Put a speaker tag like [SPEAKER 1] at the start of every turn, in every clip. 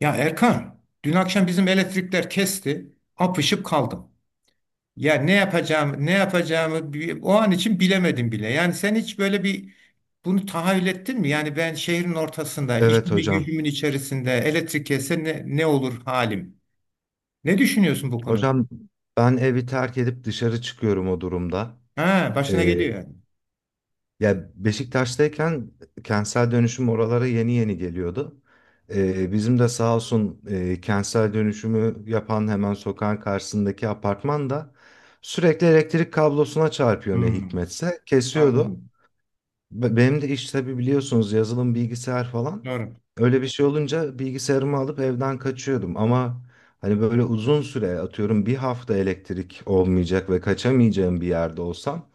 [SPEAKER 1] Ya Erkan, dün akşam bizim elektrikler kesti, apışıp kaldım. Ya ne yapacağım, ne yapacağımı o an için bilemedim bile. Yani sen hiç böyle bunu tahayyül ettin mi? Yani ben şehrin ortasında,
[SPEAKER 2] Evet
[SPEAKER 1] işimi
[SPEAKER 2] hocam.
[SPEAKER 1] gücümün içerisinde elektrik kesse ne olur halim? Ne düşünüyorsun bu konuda?
[SPEAKER 2] Hocam ben evi terk edip dışarı çıkıyorum o durumda.
[SPEAKER 1] Ha, başına
[SPEAKER 2] Ee,
[SPEAKER 1] geliyor yani.
[SPEAKER 2] Ya Beşiktaş'tayken kentsel dönüşüm oralara yeni yeni geliyordu. Bizim de sağ olsun kentsel dönüşümü yapan hemen sokağın karşısındaki apartman da sürekli elektrik kablosuna çarpıyor ne
[SPEAKER 1] Hmm,
[SPEAKER 2] hikmetse kesiyordu.
[SPEAKER 1] anladım.
[SPEAKER 2] Benim de iş tabii biliyorsunuz yazılım bilgisayar falan.
[SPEAKER 1] Doğru.
[SPEAKER 2] Öyle bir şey olunca bilgisayarımı alıp evden kaçıyordum ama hani böyle uzun süre atıyorum bir hafta elektrik olmayacak ve kaçamayacağım bir yerde olsam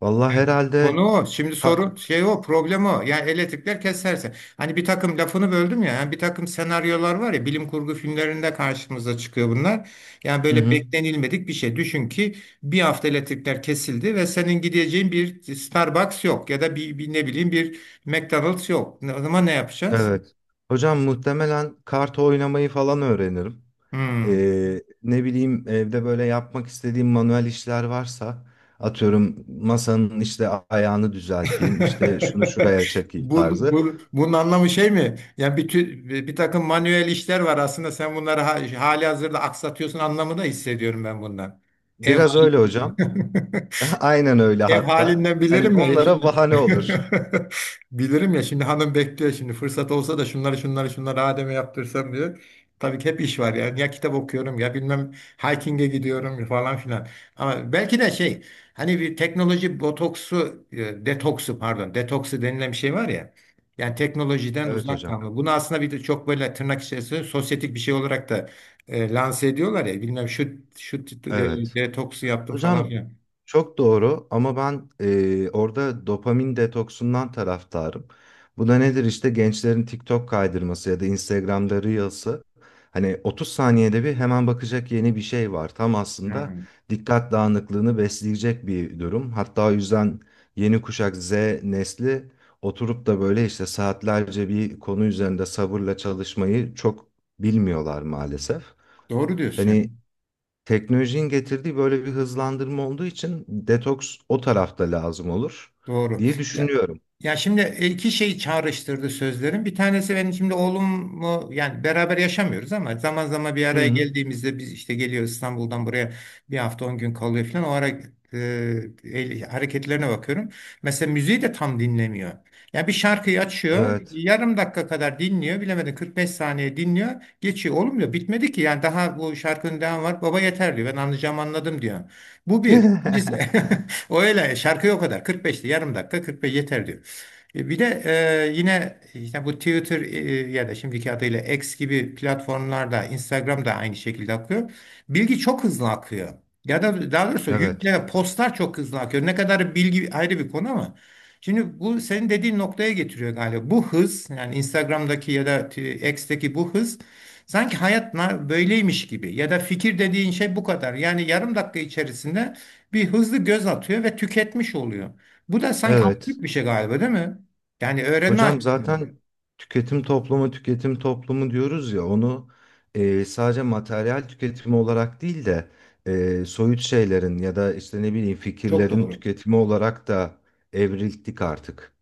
[SPEAKER 2] vallahi
[SPEAKER 1] Evet.
[SPEAKER 2] herhalde
[SPEAKER 1] Konu o. Şimdi
[SPEAKER 2] ka-
[SPEAKER 1] sorun şey o, problem o. Yani elektrikler keserse. Hani bir takım lafını böldüm ya. Yani bir takım senaryolar var ya, bilim kurgu filmlerinde karşımıza çıkıyor bunlar. Yani
[SPEAKER 2] hı
[SPEAKER 1] böyle
[SPEAKER 2] hı,
[SPEAKER 1] beklenilmedik bir şey. Düşün ki bir hafta elektrikler kesildi ve senin gideceğin bir Starbucks yok ya da bir ne bileyim bir McDonald's yok. O zaman ne yapacağız?
[SPEAKER 2] evet. Hocam muhtemelen kart oynamayı falan öğrenirim.
[SPEAKER 1] Hmm.
[SPEAKER 2] Ne bileyim evde böyle yapmak istediğim manuel işler varsa atıyorum masanın işte ayağını düzelteyim işte şunu şuraya çekeyim tarzı.
[SPEAKER 1] Bunun anlamı şey mi? Yani bir takım manuel işler var, aslında sen bunları hali hazırda aksatıyorsun anlamı da hissediyorum ben bundan. Ev
[SPEAKER 2] Biraz öyle hocam.
[SPEAKER 1] hali.
[SPEAKER 2] Aynen öyle
[SPEAKER 1] Ev
[SPEAKER 2] hatta.
[SPEAKER 1] halinden
[SPEAKER 2] Hani
[SPEAKER 1] bilirim ya
[SPEAKER 2] onlara
[SPEAKER 1] şimdi.
[SPEAKER 2] bahane olur.
[SPEAKER 1] Bilirim ya şimdi, hanım bekliyor şimdi fırsat olsa da şunları şunları şunları Adem'e yaptırsam diyor. Tabii ki hep iş var, yani ya kitap okuyorum ya bilmem hiking'e gidiyorum falan filan. Ama belki de şey, hani bir teknoloji botoksu, detoksu, pardon, detoksu denilen bir şey var ya. Yani teknolojiden
[SPEAKER 2] Evet
[SPEAKER 1] uzak
[SPEAKER 2] hocam.
[SPEAKER 1] kalma. Bunu aslında bir de çok böyle tırnak içerisinde sosyetik bir şey olarak da lanse ediyorlar ya, bilmem şu şu
[SPEAKER 2] Evet.
[SPEAKER 1] detoksu yaptım falan
[SPEAKER 2] Hocam
[SPEAKER 1] filan.
[SPEAKER 2] çok doğru ama ben orada dopamin detoksundan taraftarım. Bu da nedir işte gençlerin TikTok kaydırması ya da Instagram'da Reels'ı. Hani 30 saniyede bir hemen bakacak yeni bir şey var. Tam aslında
[SPEAKER 1] Hmm.
[SPEAKER 2] dikkat dağınıklığını besleyecek bir durum. Hatta o yüzden yeni kuşak Z nesli oturup da böyle işte saatlerce bir konu üzerinde sabırla çalışmayı çok bilmiyorlar maalesef.
[SPEAKER 1] Doğru diyorsun ya.
[SPEAKER 2] Hani teknolojinin getirdiği böyle bir hızlandırma olduğu için detoks o tarafta lazım olur
[SPEAKER 1] Doğru.
[SPEAKER 2] diye
[SPEAKER 1] Ya
[SPEAKER 2] düşünüyorum.
[SPEAKER 1] Ya şimdi iki şey çağrıştırdı sözlerin. Bir tanesi, benim şimdi oğlumu yani, beraber yaşamıyoruz ama zaman zaman bir
[SPEAKER 2] Hı
[SPEAKER 1] araya
[SPEAKER 2] hı.
[SPEAKER 1] geldiğimizde, biz işte geliyoruz İstanbul'dan buraya, bir hafta 10 gün kalıyor falan. O ara e, hareketlerine bakıyorum. Mesela müziği de tam dinlemiyor. Ya bir şarkıyı açıyor,
[SPEAKER 2] Evet.
[SPEAKER 1] yarım dakika kadar dinliyor, bilemedim 45 saniye dinliyor, geçiyor. Oğlum diyor bitmedi ki, yani daha bu şarkının devamı var. Baba yeter diyor, ben anlayacağım anladım diyor. Bu bir. İkincisi, o öyle şarkı o kadar 45'ti, yarım dakika 45 yeter diyor. Bir de yine işte bu Twitter, ya da şimdiki adıyla X gibi platformlarda, Instagram da aynı şekilde akıyor. Bilgi çok hızlı akıyor. Ya da daha doğrusu
[SPEAKER 2] Evet.
[SPEAKER 1] yükle postlar çok hızlı akıyor. Ne kadar bilgi ayrı bir konu ama. Şimdi bu senin dediğin noktaya getiriyor galiba. Bu hız, yani Instagram'daki ya da X'teki bu hız, sanki hayat böyleymiş gibi, ya da fikir dediğin şey bu kadar. Yani yarım dakika içerisinde bir hızlı göz atıyor ve tüketmiş oluyor. Bu da sanki
[SPEAKER 2] Evet.
[SPEAKER 1] absürt bir şey galiba, değil mi? Yani öğrenme
[SPEAKER 2] Hocam
[SPEAKER 1] açısından
[SPEAKER 2] zaten tüketim toplumu, tüketim toplumu diyoruz ya onu sadece materyal tüketimi olarak değil de soyut şeylerin ya da işte ne bileyim
[SPEAKER 1] çok
[SPEAKER 2] fikirlerin
[SPEAKER 1] doğru.
[SPEAKER 2] tüketimi olarak da evrildik artık.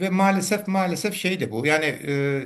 [SPEAKER 1] Ve maalesef maalesef şey de bu. Yani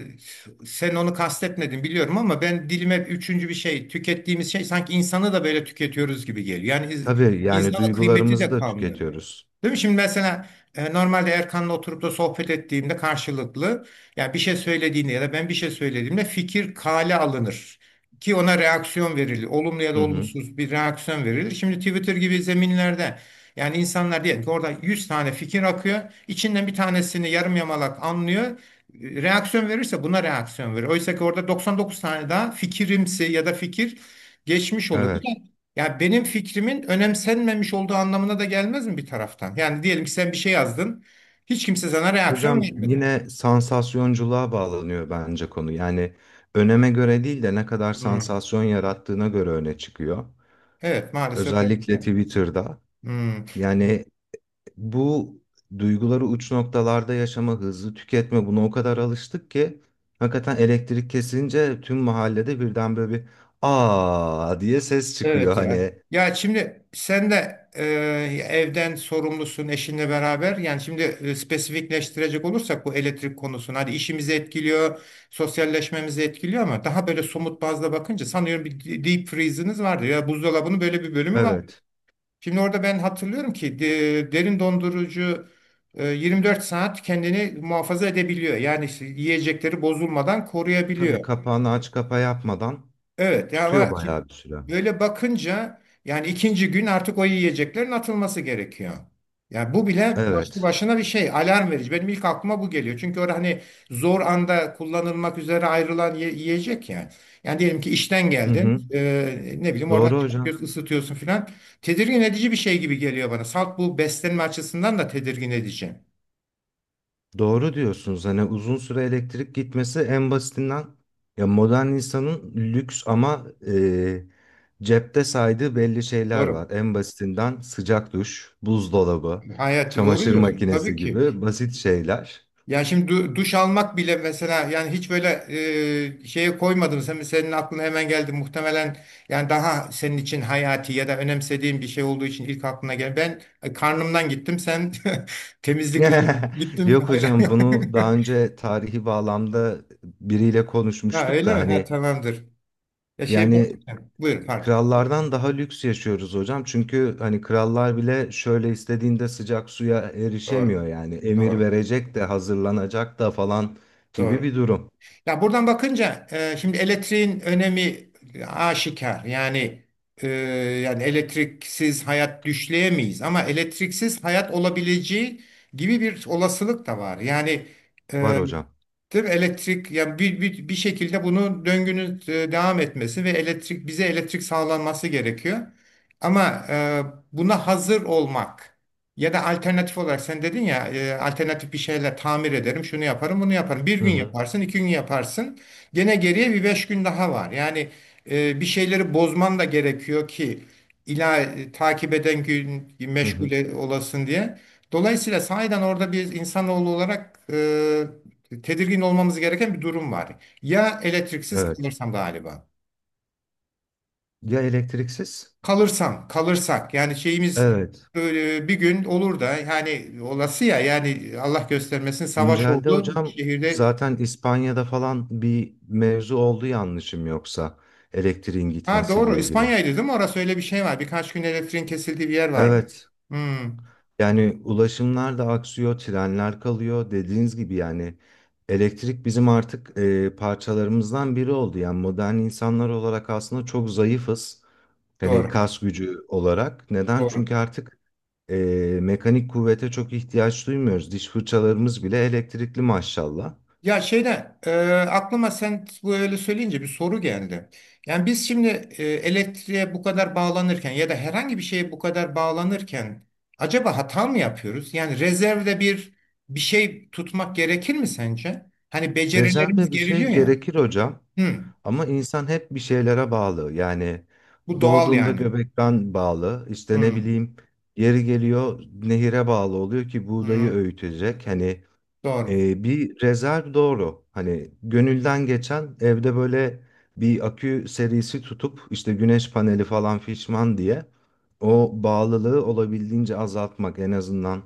[SPEAKER 1] sen onu kastetmedin biliyorum ama, ben dilime üçüncü bir şey, tükettiğimiz şey sanki insanı da böyle tüketiyoruz gibi geliyor. Yani
[SPEAKER 2] Tabii yani
[SPEAKER 1] insana kıymeti
[SPEAKER 2] duygularımızı
[SPEAKER 1] de
[SPEAKER 2] da
[SPEAKER 1] kalmıyor.
[SPEAKER 2] tüketiyoruz.
[SPEAKER 1] Değil mi? Şimdi mesela normalde Erkan'la oturup da sohbet ettiğimde karşılıklı, ya bir şey söylediğinde ya da ben bir şey söylediğimde, fikir kale alınır. Ki ona reaksiyon verilir. Olumlu ya da
[SPEAKER 2] Hı hı.
[SPEAKER 1] olumsuz bir reaksiyon verilir. Şimdi Twitter gibi zeminlerde yani, insanlar diyelim ki orada 100 tane fikir akıyor. İçinden bir tanesini yarım yamalak anlıyor. Reaksiyon verirse buna reaksiyon verir. Oysa ki orada 99 tane daha fikirimsi ya da fikir geçmiş oluyor.
[SPEAKER 2] Evet.
[SPEAKER 1] Ya benim fikrimin önemsenmemiş olduğu anlamına da gelmez mi bir taraftan? Yani diyelim ki sen bir şey yazdın, hiç kimse sana reaksiyon
[SPEAKER 2] Hocam
[SPEAKER 1] vermedi.
[SPEAKER 2] yine sansasyonculuğa bağlanıyor bence konu. Yani öneme göre değil de ne kadar
[SPEAKER 1] Hmm.
[SPEAKER 2] sansasyon yarattığına göre öne çıkıyor.
[SPEAKER 1] Evet, maalesef öyle bir şey.
[SPEAKER 2] Özellikle Twitter'da.
[SPEAKER 1] Hmm.
[SPEAKER 2] Yani bu duyguları uç noktalarda yaşama, hızlı tüketme buna o kadar alıştık ki hakikaten elektrik kesince tüm mahallede birden böyle bir aa diye ses çıkıyor
[SPEAKER 1] Evet ya.
[SPEAKER 2] hani.
[SPEAKER 1] Ya şimdi sen de evden sorumlusun eşinle beraber. Yani şimdi spesifikleştirecek olursak bu elektrik konusunu. Hadi işimizi etkiliyor, sosyalleşmemizi etkiliyor ama daha böyle somut bazda bakınca, sanıyorum bir deep freeze'iniz vardı. Ya buzdolabının böyle bir bölümü var.
[SPEAKER 2] Evet.
[SPEAKER 1] Şimdi orada ben hatırlıyorum ki derin dondurucu 24 saat kendini muhafaza edebiliyor. Yani işte yiyecekleri bozulmadan koruyabiliyor.
[SPEAKER 2] Tabii kapağını aç kapa yapmadan
[SPEAKER 1] Evet ya,
[SPEAKER 2] tutuyor
[SPEAKER 1] ama
[SPEAKER 2] bayağı bir süre.
[SPEAKER 1] böyle bakınca yani, ikinci gün artık o yiyeceklerin atılması gerekiyor. Yani bu bile başlı
[SPEAKER 2] Evet.
[SPEAKER 1] başına bir şey, alarm verici. Benim ilk aklıma bu geliyor. Çünkü orada hani zor anda kullanılmak üzere ayrılan yiyecek yani. Yani diyelim ki işten
[SPEAKER 2] Hı
[SPEAKER 1] geldin,
[SPEAKER 2] hı.
[SPEAKER 1] ne bileyim oradan
[SPEAKER 2] Doğru hocam.
[SPEAKER 1] çıkartıyorsun, ısıtıyorsun filan. Tedirgin edici bir şey gibi geliyor bana. Salt bu beslenme açısından da tedirgin edici.
[SPEAKER 2] Doğru diyorsunuz. Hani uzun süre elektrik gitmesi en basitinden ya modern insanın lüks ama cepte saydığı belli şeyler
[SPEAKER 1] Doğru.
[SPEAKER 2] var. En basitinden sıcak duş, buzdolabı,
[SPEAKER 1] Hayati, doğru
[SPEAKER 2] çamaşır
[SPEAKER 1] diyorsun. Tabii
[SPEAKER 2] makinesi
[SPEAKER 1] ki.
[SPEAKER 2] gibi basit şeyler.
[SPEAKER 1] Yani şimdi duş almak bile mesela, yani hiç böyle şeye koymadın. Senin aklına hemen geldi muhtemelen, yani daha senin için hayati ya da önemsediğin bir şey olduğu için ilk aklına gel. Ben karnımdan gittim, sen temizlik üzerine gittin.
[SPEAKER 2] Yok hocam bunu daha önce tarihi bağlamda biriyle
[SPEAKER 1] Ha,
[SPEAKER 2] konuşmuştuk
[SPEAKER 1] öyle
[SPEAKER 2] da
[SPEAKER 1] mi? Ha,
[SPEAKER 2] hani
[SPEAKER 1] tamamdır. Ya şey, bak,
[SPEAKER 2] yani
[SPEAKER 1] buyur, pardon.
[SPEAKER 2] krallardan daha lüks yaşıyoruz hocam. Çünkü hani krallar bile şöyle istediğinde sıcak suya
[SPEAKER 1] Doğru.
[SPEAKER 2] erişemiyor yani. Emir
[SPEAKER 1] Doğru.
[SPEAKER 2] verecek de hazırlanacak da falan gibi
[SPEAKER 1] Doğru.
[SPEAKER 2] bir durum
[SPEAKER 1] Ya buradan bakınca şimdi elektriğin önemi aşikar. Yani e, yani elektriksiz hayat düşleyemeyiz, ama elektriksiz hayat olabileceği gibi bir olasılık da var. Yani,
[SPEAKER 2] var
[SPEAKER 1] e,
[SPEAKER 2] hocam.
[SPEAKER 1] değil mi? Elektrik yani bir şekilde, bunun döngünün devam etmesi ve elektrik, bize elektrik sağlanması gerekiyor. Ama buna hazır olmak. Ya da alternatif olarak sen dedin ya, alternatif bir şeyler tamir ederim, şunu yaparım, bunu yaparım. Bir
[SPEAKER 2] Hı
[SPEAKER 1] gün
[SPEAKER 2] hı.
[SPEAKER 1] yaparsın, 2 gün yaparsın. Gene geriye bir 5 gün daha var. Yani bir şeyleri bozman da gerekiyor ki, ila takip eden gün
[SPEAKER 2] Hı
[SPEAKER 1] meşgul
[SPEAKER 2] hı.
[SPEAKER 1] olasın diye. Dolayısıyla sahiden orada bir insanoğlu olarak tedirgin olmamız gereken bir durum var. Ya elektriksiz
[SPEAKER 2] Evet.
[SPEAKER 1] kalırsam galiba.
[SPEAKER 2] Ya elektriksiz?
[SPEAKER 1] Kalırsam, kalırsak yani, şeyimiz,
[SPEAKER 2] Evet.
[SPEAKER 1] böyle bir gün olur da yani, olası ya, yani Allah göstermesin savaş
[SPEAKER 2] Güncelde
[SPEAKER 1] oldu
[SPEAKER 2] hocam
[SPEAKER 1] şehirde.
[SPEAKER 2] zaten İspanya'da falan bir mevzu oldu yanlışım yoksa elektriğin
[SPEAKER 1] Ha doğru,
[SPEAKER 2] gitmesiyle ilgili.
[SPEAKER 1] İspanya'ydı değil mi? Orası, öyle bir şey var. Birkaç gün elektriğin kesildiği bir yer vardı.
[SPEAKER 2] Evet.
[SPEAKER 1] Hmm,
[SPEAKER 2] Yani ulaşımlar da aksıyor, trenler kalıyor. Dediğiniz gibi yani elektrik bizim artık parçalarımızdan biri oldu. Yani modern insanlar olarak aslında çok zayıfız. Hani
[SPEAKER 1] doğru.
[SPEAKER 2] kas gücü olarak. Neden?
[SPEAKER 1] Doğru.
[SPEAKER 2] Çünkü artık e, mekanik kuvvete çok ihtiyaç duymuyoruz. Diş fırçalarımız bile elektrikli maşallah.
[SPEAKER 1] Ya şeyde aklıma, sen bu öyle söyleyince bir soru geldi. Yani biz şimdi elektriğe bu kadar bağlanırken ya da herhangi bir şeye bu kadar bağlanırken, acaba hata mı yapıyoruz? Yani rezervde bir şey tutmak gerekir mi sence? Hani becerilerimiz
[SPEAKER 2] Rezervde bir
[SPEAKER 1] geriliyor
[SPEAKER 2] şey
[SPEAKER 1] ya.
[SPEAKER 2] gerekir hocam.
[SPEAKER 1] Hı,
[SPEAKER 2] Ama insan hep bir şeylere bağlı. Yani
[SPEAKER 1] bu doğal
[SPEAKER 2] doğduğunda
[SPEAKER 1] yani.
[SPEAKER 2] göbekten bağlı. İşte ne
[SPEAKER 1] Hı,
[SPEAKER 2] bileyim yeri geliyor nehire bağlı oluyor ki buğdayı
[SPEAKER 1] hı,
[SPEAKER 2] öğütecek. Hani
[SPEAKER 1] doğru.
[SPEAKER 2] bir rezerv doğru. Hani gönülden geçen evde böyle bir akü serisi tutup işte güneş paneli falan fişman diye o bağlılığı olabildiğince azaltmak en azından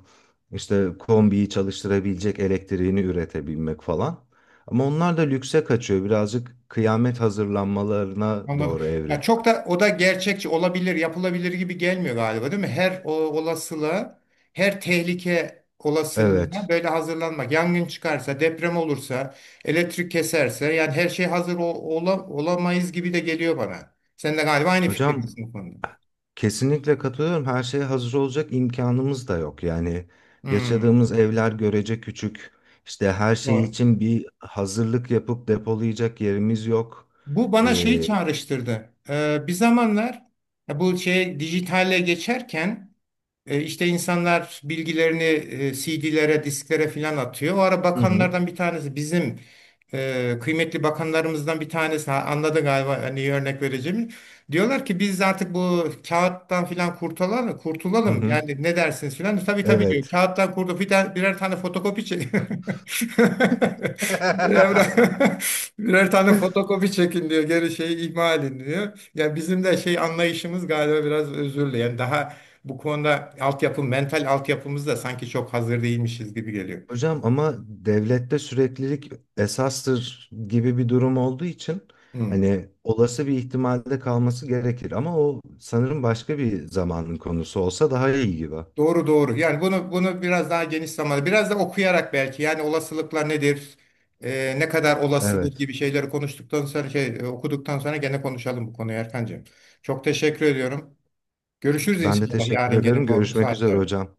[SPEAKER 2] işte kombiyi çalıştırabilecek elektriğini üretebilmek falan. Ama onlar da lükse kaçıyor. Birazcık kıyamet hazırlanmalarına
[SPEAKER 1] Anladım.
[SPEAKER 2] doğru
[SPEAKER 1] Ya
[SPEAKER 2] evriliyor.
[SPEAKER 1] çok da, o da gerçekçi olabilir, yapılabilir gibi gelmiyor galiba, değil mi? Her o olasılığa, her tehlike olasılığına
[SPEAKER 2] Evet.
[SPEAKER 1] böyle hazırlanmak. Yangın çıkarsa, deprem olursa, elektrik keserse, yani her şey olamayız gibi de geliyor bana. Sen de galiba aynı
[SPEAKER 2] Hocam
[SPEAKER 1] fikirdesin bu konuda.
[SPEAKER 2] kesinlikle katılıyorum. Her şeye hazır olacak imkanımız da yok. Yani
[SPEAKER 1] Hmm,
[SPEAKER 2] yaşadığımız evler görece küçük. İşte her şey
[SPEAKER 1] doğru.
[SPEAKER 2] için bir hazırlık yapıp depolayacak yerimiz yok.
[SPEAKER 1] Bu bana şeyi
[SPEAKER 2] Ee,
[SPEAKER 1] çağrıştırdı. Bir zamanlar, ya bu şey dijitale geçerken, İşte insanlar bilgilerini CD'lere, disklere filan atıyor. O ara
[SPEAKER 2] hı hı,
[SPEAKER 1] bakanlardan bir tanesi, bizim kıymetli bakanlarımızdan bir tanesi, ha, anladı galiba hani örnek vereceğimi. Diyorlar ki biz artık bu kağıttan filan kurtulalım,
[SPEAKER 2] hı
[SPEAKER 1] kurtulalım,
[SPEAKER 2] hı.
[SPEAKER 1] yani ne dersiniz filan. Tabii tabii diyor.
[SPEAKER 2] Evet.
[SPEAKER 1] Kağıttan kurtul, birer tane fotokopi çek. Birer, birer tane fotokopi çekin diyor. Geri şeyi ihmal edin diyor. Ya bizim de şey anlayışımız galiba biraz özürlü. Yani daha bu konuda altyapı, mental altyapımız da sanki çok hazır değilmişiz gibi geliyor.
[SPEAKER 2] Hocam ama devlette süreklilik esastır gibi bir durum olduğu için
[SPEAKER 1] Hmm.
[SPEAKER 2] hani olası bir ihtimalde kalması gerekir. Ama o sanırım başka bir zamanın konusu olsa daha iyi gibi.
[SPEAKER 1] Doğru doğru. Yani bunu biraz daha geniş zamanda, biraz da okuyarak belki, yani olasılıklar nedir, ne kadar olasıdır
[SPEAKER 2] Evet.
[SPEAKER 1] gibi şeyleri konuştuktan sonra, şey, okuduktan sonra gene konuşalım bu konuyu Erkancığım. Çok teşekkür ediyorum. Görüşürüz
[SPEAKER 2] Ben de
[SPEAKER 1] inşallah
[SPEAKER 2] teşekkür
[SPEAKER 1] yarın
[SPEAKER 2] ederim.
[SPEAKER 1] gene bu
[SPEAKER 2] Görüşmek üzere
[SPEAKER 1] saatlerde.
[SPEAKER 2] hocam.